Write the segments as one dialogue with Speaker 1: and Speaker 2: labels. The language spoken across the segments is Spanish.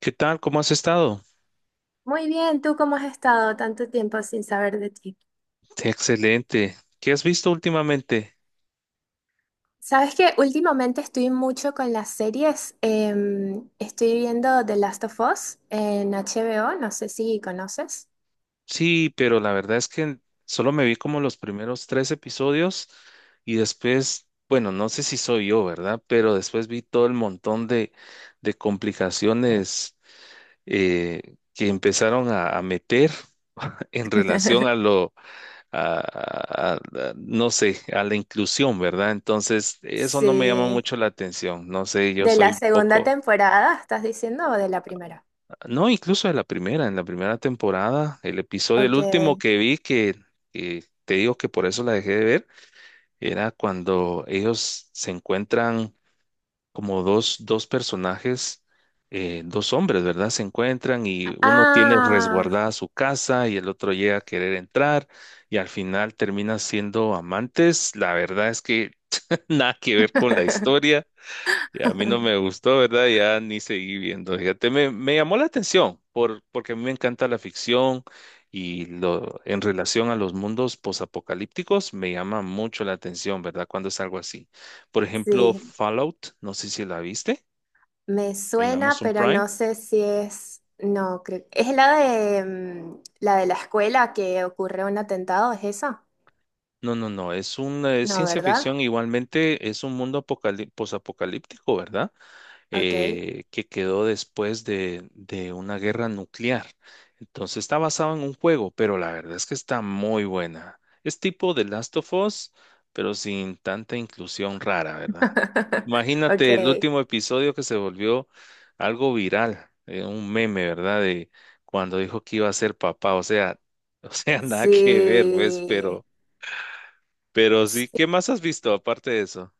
Speaker 1: ¿Qué tal? ¿Cómo has estado?
Speaker 2: Muy bien, ¿tú cómo has estado tanto tiempo sin saber de ti?
Speaker 1: Excelente. ¿Qué has visto últimamente?
Speaker 2: Sabes que últimamente estoy mucho con las series. Estoy viendo The Last of Us en HBO, no sé si conoces.
Speaker 1: Sí, pero la verdad es que solo me vi como los primeros tres episodios y después, bueno, no sé si soy yo, ¿verdad? Pero después vi todo el montón de complicaciones que empezaron a meter en relación a lo, a, a- a- no sé, a la inclusión, ¿verdad? Entonces, eso no me llama
Speaker 2: Sí.
Speaker 1: mucho la atención. No sé, yo
Speaker 2: ¿De
Speaker 1: soy
Speaker 2: la
Speaker 1: un
Speaker 2: segunda
Speaker 1: poco...
Speaker 2: temporada estás diciendo o de la primera?
Speaker 1: No, incluso en la primera temporada, el episodio, el
Speaker 2: Ok.
Speaker 1: último que vi que te digo que por eso la dejé de ver, era cuando ellos se encuentran como dos personajes, dos hombres, ¿verdad? Se encuentran y uno tiene
Speaker 2: Ah,
Speaker 1: resguardada su casa y el otro llega a querer entrar y al final terminan siendo amantes. La verdad es que nada que ver con la historia y a mí no me gustó, ¿verdad? Ya ni seguí viendo. Fíjate, me llamó la atención porque a mí me encanta la ficción y en relación a los mundos posapocalípticos me llama mucho la atención, ¿verdad? Cuando es algo así. Por ejemplo,
Speaker 2: sí.
Speaker 1: Fallout, no sé si la viste
Speaker 2: Me
Speaker 1: en
Speaker 2: suena,
Speaker 1: Amazon
Speaker 2: pero
Speaker 1: Prime.
Speaker 2: no sé si es. No, creo. ¿Es la de la de la escuela que ocurre un atentado? ¿Es esa?
Speaker 1: No, es una es
Speaker 2: No,
Speaker 1: ciencia ficción,
Speaker 2: ¿verdad?
Speaker 1: igualmente es un mundo posapocalíptico, ¿verdad?
Speaker 2: Ok.
Speaker 1: Que quedó después de una guerra nuclear. Entonces está basado en un juego, pero la verdad es que está muy buena. Es tipo The Last of Us, pero sin tanta inclusión rara, ¿verdad? Imagínate el
Speaker 2: Ok,
Speaker 1: último episodio que se volvió algo viral, un meme, ¿verdad? De cuando dijo que iba a ser papá, o sea, nada que ver, pues,
Speaker 2: sí.
Speaker 1: pero sí,
Speaker 2: Sí.
Speaker 1: ¿qué más has visto aparte de eso?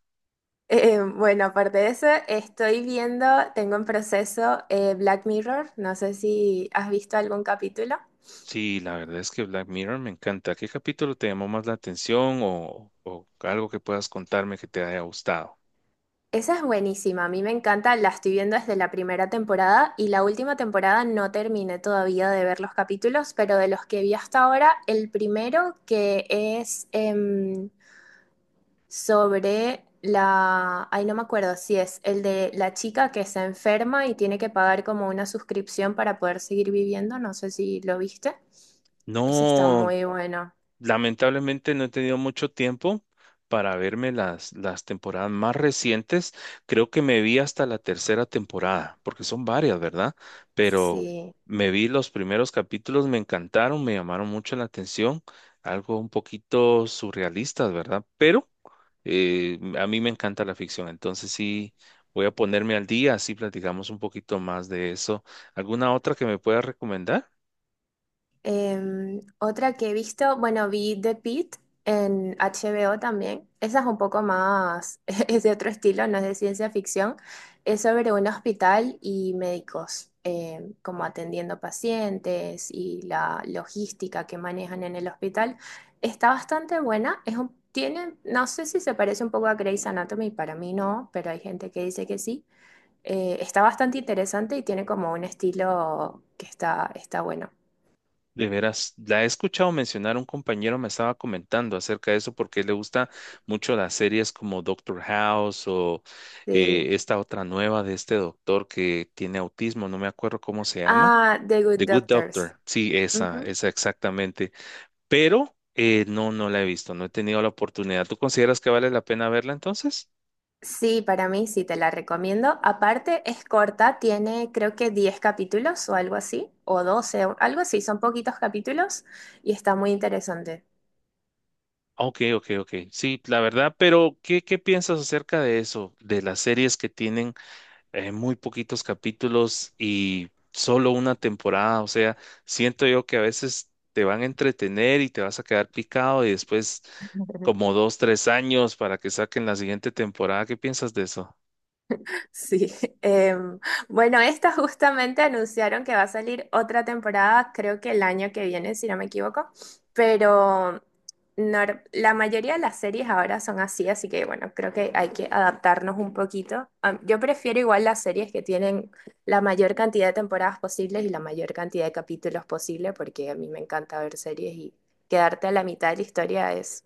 Speaker 2: Bueno, aparte de eso, estoy viendo, tengo en proceso Black Mirror, no sé si has visto algún capítulo.
Speaker 1: Sí, la verdad es que Black Mirror me encanta. ¿Qué capítulo te llamó más la atención o algo que puedas contarme que te haya gustado?
Speaker 2: Esa es buenísima, a mí me encanta, la estoy viendo desde la primera temporada y la última temporada no terminé todavía de ver los capítulos, pero de los que vi hasta ahora, el primero que es sobre la, ay, no me acuerdo si es el de la chica que se enferma y tiene que pagar como una suscripción para poder seguir viviendo, no sé si lo viste. Ese está
Speaker 1: No,
Speaker 2: muy bueno.
Speaker 1: lamentablemente no he tenido mucho tiempo para verme las temporadas más recientes. Creo que me vi hasta la tercera temporada, porque son varias, ¿verdad? Pero
Speaker 2: Sí.
Speaker 1: me vi los primeros capítulos, me encantaron, me llamaron mucho la atención, algo un poquito surrealistas, ¿verdad? Pero a mí me encanta la ficción, entonces sí voy a ponerme al día, así platicamos un poquito más de eso. ¿Alguna otra que me pueda recomendar?
Speaker 2: Em, otra que he visto, bueno, vi The Pitt en HBO también. Esa es un poco más, es de otro estilo, no es de ciencia ficción. Es sobre un hospital y médicos, como atendiendo pacientes y la logística que manejan en el hospital. Está bastante buena. Es un- tiene, no sé si se parece un poco a Grey's Anatomy, para mí no, pero hay gente que dice que sí. Está bastante interesante y tiene como un estilo que está, está bueno.
Speaker 1: De veras, la he escuchado mencionar, un compañero me estaba comentando acerca de eso porque le gusta mucho las series como Doctor House o
Speaker 2: Sí.
Speaker 1: esta otra nueva de este doctor que tiene autismo, no me acuerdo cómo se llama.
Speaker 2: Ah, The Good
Speaker 1: The Good
Speaker 2: Doctors.
Speaker 1: Doctor, sí, esa,
Speaker 2: Ujú.
Speaker 1: esa exactamente. Pero no, no la he visto, no he tenido la oportunidad. ¿Tú consideras que vale la pena verla entonces?
Speaker 2: Sí, para mí sí te la recomiendo. Aparte, es corta, tiene creo que 10 capítulos o algo así, o 12 o algo así, son poquitos capítulos y está muy interesante.
Speaker 1: Ok, ok, ok. Sí, la verdad, pero ¿qué, qué piensas acerca de eso? De las series que tienen muy poquitos capítulos y solo una temporada. O sea, siento yo que a veces te van a entretener y te vas a quedar picado y después como dos, tres años para que saquen la siguiente temporada. ¿Qué piensas de eso?
Speaker 2: Sí, em, bueno, esta justamente anunciaron que va a salir otra temporada, creo que el año que viene, si no me equivoco, pero nor- la mayoría de las series ahora son así, así que bueno, creo que hay que adaptarnos un poquito. Am, yo prefiero igual las series que tienen la mayor cantidad de temporadas posibles y la mayor cantidad de capítulos posible, porque a mí me encanta ver series y quedarte a la mitad de la historia es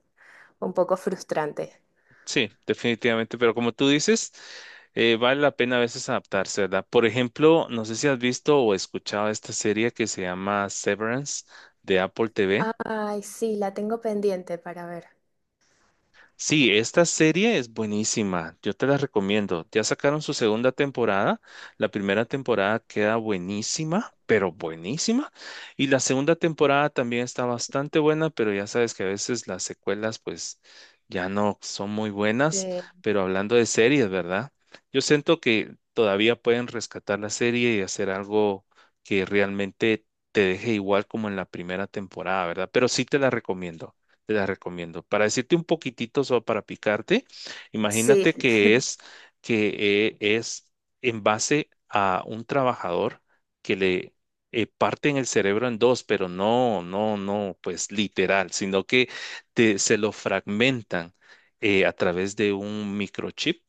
Speaker 2: un poco frustrante.
Speaker 1: Sí, definitivamente. Pero como tú dices, vale la pena a veces adaptarse, ¿verdad? Por ejemplo, no sé si has visto o escuchado esta serie que se llama Severance de Apple TV.
Speaker 2: Ay, sí, la tengo pendiente para ver.
Speaker 1: Sí, esta serie es buenísima, yo te la recomiendo. Ya sacaron su segunda temporada, la primera temporada queda buenísima, pero buenísima, y la segunda temporada también está bastante buena, pero ya sabes que a veces las secuelas pues ya no son muy buenas, pero hablando de series, ¿verdad? Yo siento que todavía pueden rescatar la serie y hacer algo que realmente te deje igual como en la primera temporada, ¿verdad? Pero sí te la recomiendo te la recomiendo. Para decirte un poquitito, solo para picarte,
Speaker 2: Sí,
Speaker 1: imagínate que es en base a un trabajador que le parten el cerebro en dos, pero no, pues literal, sino que se lo fragmentan a través de un microchip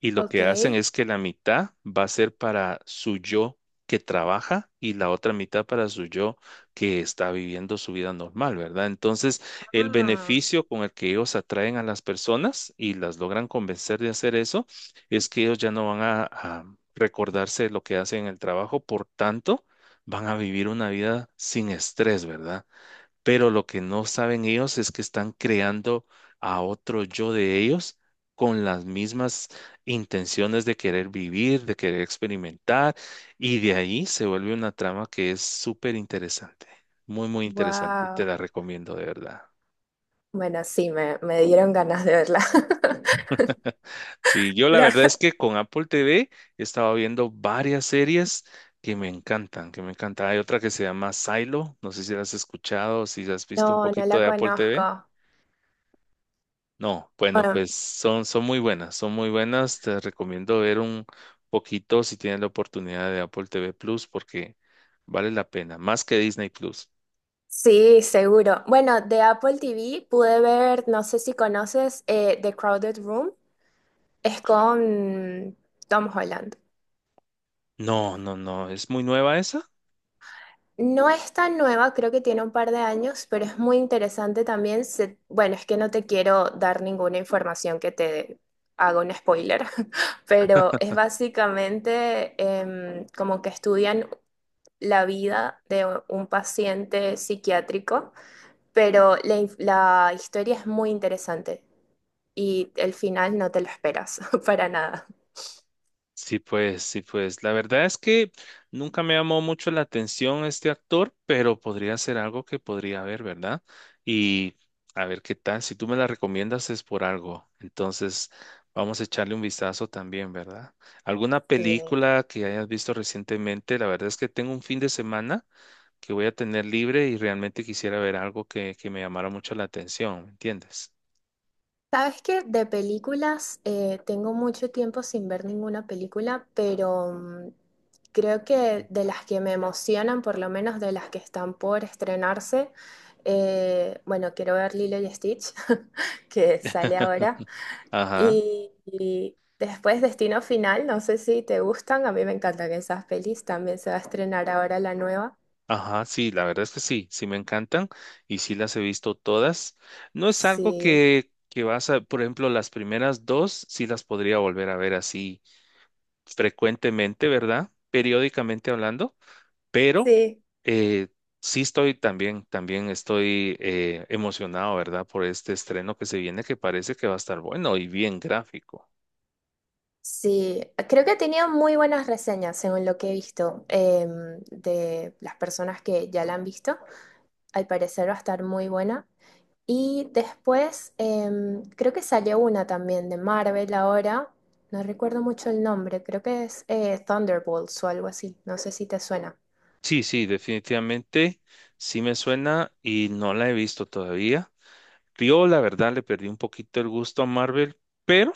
Speaker 1: y lo
Speaker 2: ok.
Speaker 1: que hacen es que la mitad va a ser para su yo que trabaja y la otra mitad para su yo que está viviendo su vida normal, ¿verdad? Entonces, el
Speaker 2: Ah,
Speaker 1: beneficio con el que ellos atraen a las personas y las logran convencer de hacer eso es que ellos ya no van a recordarse de lo que hacen en el trabajo, por tanto, van a vivir una vida sin estrés, ¿verdad? Pero lo que no saben ellos es que están creando a otro yo de ellos con las mismas intenciones de querer vivir, de querer experimentar, y de ahí se vuelve una trama que es súper interesante, muy, muy interesante, te
Speaker 2: wow.
Speaker 1: la recomiendo de verdad.
Speaker 2: Bueno, sí, me dieron ganas de verla.
Speaker 1: Sí, yo la verdad es
Speaker 2: La-
Speaker 1: que con Apple TV he estado viendo varias series que me encantan, que me encantan. Hay otra que se llama Silo, no sé si la has escuchado, si has visto un
Speaker 2: No, no
Speaker 1: poquito
Speaker 2: la
Speaker 1: de Apple TV.
Speaker 2: conozco.
Speaker 1: No, bueno,
Speaker 2: Bueno,
Speaker 1: pues son muy buenas, son muy buenas. Te recomiendo ver un poquito si tienes la oportunidad de Apple TV Plus porque vale la pena, más que Disney Plus.
Speaker 2: sí, seguro. Bueno, de Apple TV pude ver, no sé si conoces, The Crowded Room. Es con Tom Holland.
Speaker 1: No, es muy nueva esa.
Speaker 2: No es tan nueva, creo que tiene un par de años, pero es muy interesante también. Se- bueno, es que no te quiero dar ninguna información que te haga un spoiler, pero es básicamente como que estudian la vida de un paciente psiquiátrico, pero la, inf- la historia es muy interesante y el final no te lo esperas para nada.
Speaker 1: Sí, pues, sí, pues. La verdad es que nunca me llamó mucho la atención este actor, pero podría ser algo que podría ver, ¿verdad? Y a ver qué tal. Si tú me la recomiendas es por algo. Entonces, vamos a echarle un vistazo también, ¿verdad? ¿Alguna
Speaker 2: Sí.
Speaker 1: película que hayas visto recientemente? La verdad es que tengo un fin de semana que voy a tener libre y realmente quisiera ver algo que me llamara mucho la atención, ¿me entiendes?
Speaker 2: Sabes que de películas tengo mucho tiempo sin ver ninguna película, pero mm, creo que de las que me emocionan, por lo menos de las que están por estrenarse, bueno, quiero ver Lilo y Stitch, que sale ahora,
Speaker 1: Ajá.
Speaker 2: y después Destino Final, no sé si te gustan, a mí me encantan esas pelis, también se va a estrenar ahora la nueva.
Speaker 1: Ajá, sí, la verdad es que sí, sí me encantan y sí las he visto todas. No es algo
Speaker 2: Sí,
Speaker 1: que vas a, por ejemplo, las primeras dos sí las podría volver a ver así frecuentemente, ¿verdad? Periódicamente hablando, pero
Speaker 2: sí.
Speaker 1: eh, sí estoy también, también estoy emocionado, ¿verdad? Por este estreno que se viene que parece que va a estar bueno y bien gráfico.
Speaker 2: Sí, creo que ha tenido muy buenas reseñas, según lo que he visto, de las personas que ya la han visto. Al parecer va a estar muy buena. Y después, creo que salió una también de Marvel ahora. No recuerdo mucho el nombre, creo que es Thunderbolts o algo así. No sé si te suena.
Speaker 1: Sí, sí, definitivamente sí me suena y no la he visto todavía. Yo, la verdad, le perdí un poquito el gusto a Marvel, pero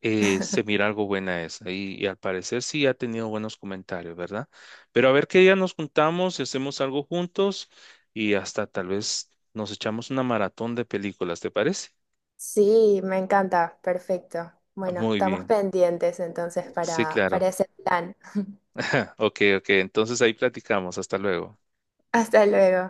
Speaker 1: se mira algo buena esa. Y al parecer sí ha tenido buenos comentarios, ¿verdad? Pero a ver qué día nos juntamos y hacemos algo juntos y hasta tal vez nos echamos una maratón de películas, ¿te parece?
Speaker 2: Sí, me encanta, perfecto.
Speaker 1: Ah,
Speaker 2: Bueno,
Speaker 1: muy
Speaker 2: estamos
Speaker 1: bien.
Speaker 2: pendientes entonces
Speaker 1: Sí, claro.
Speaker 2: para ese plan.
Speaker 1: Ok, ok. Entonces ahí platicamos. Hasta luego.
Speaker 2: Hasta luego.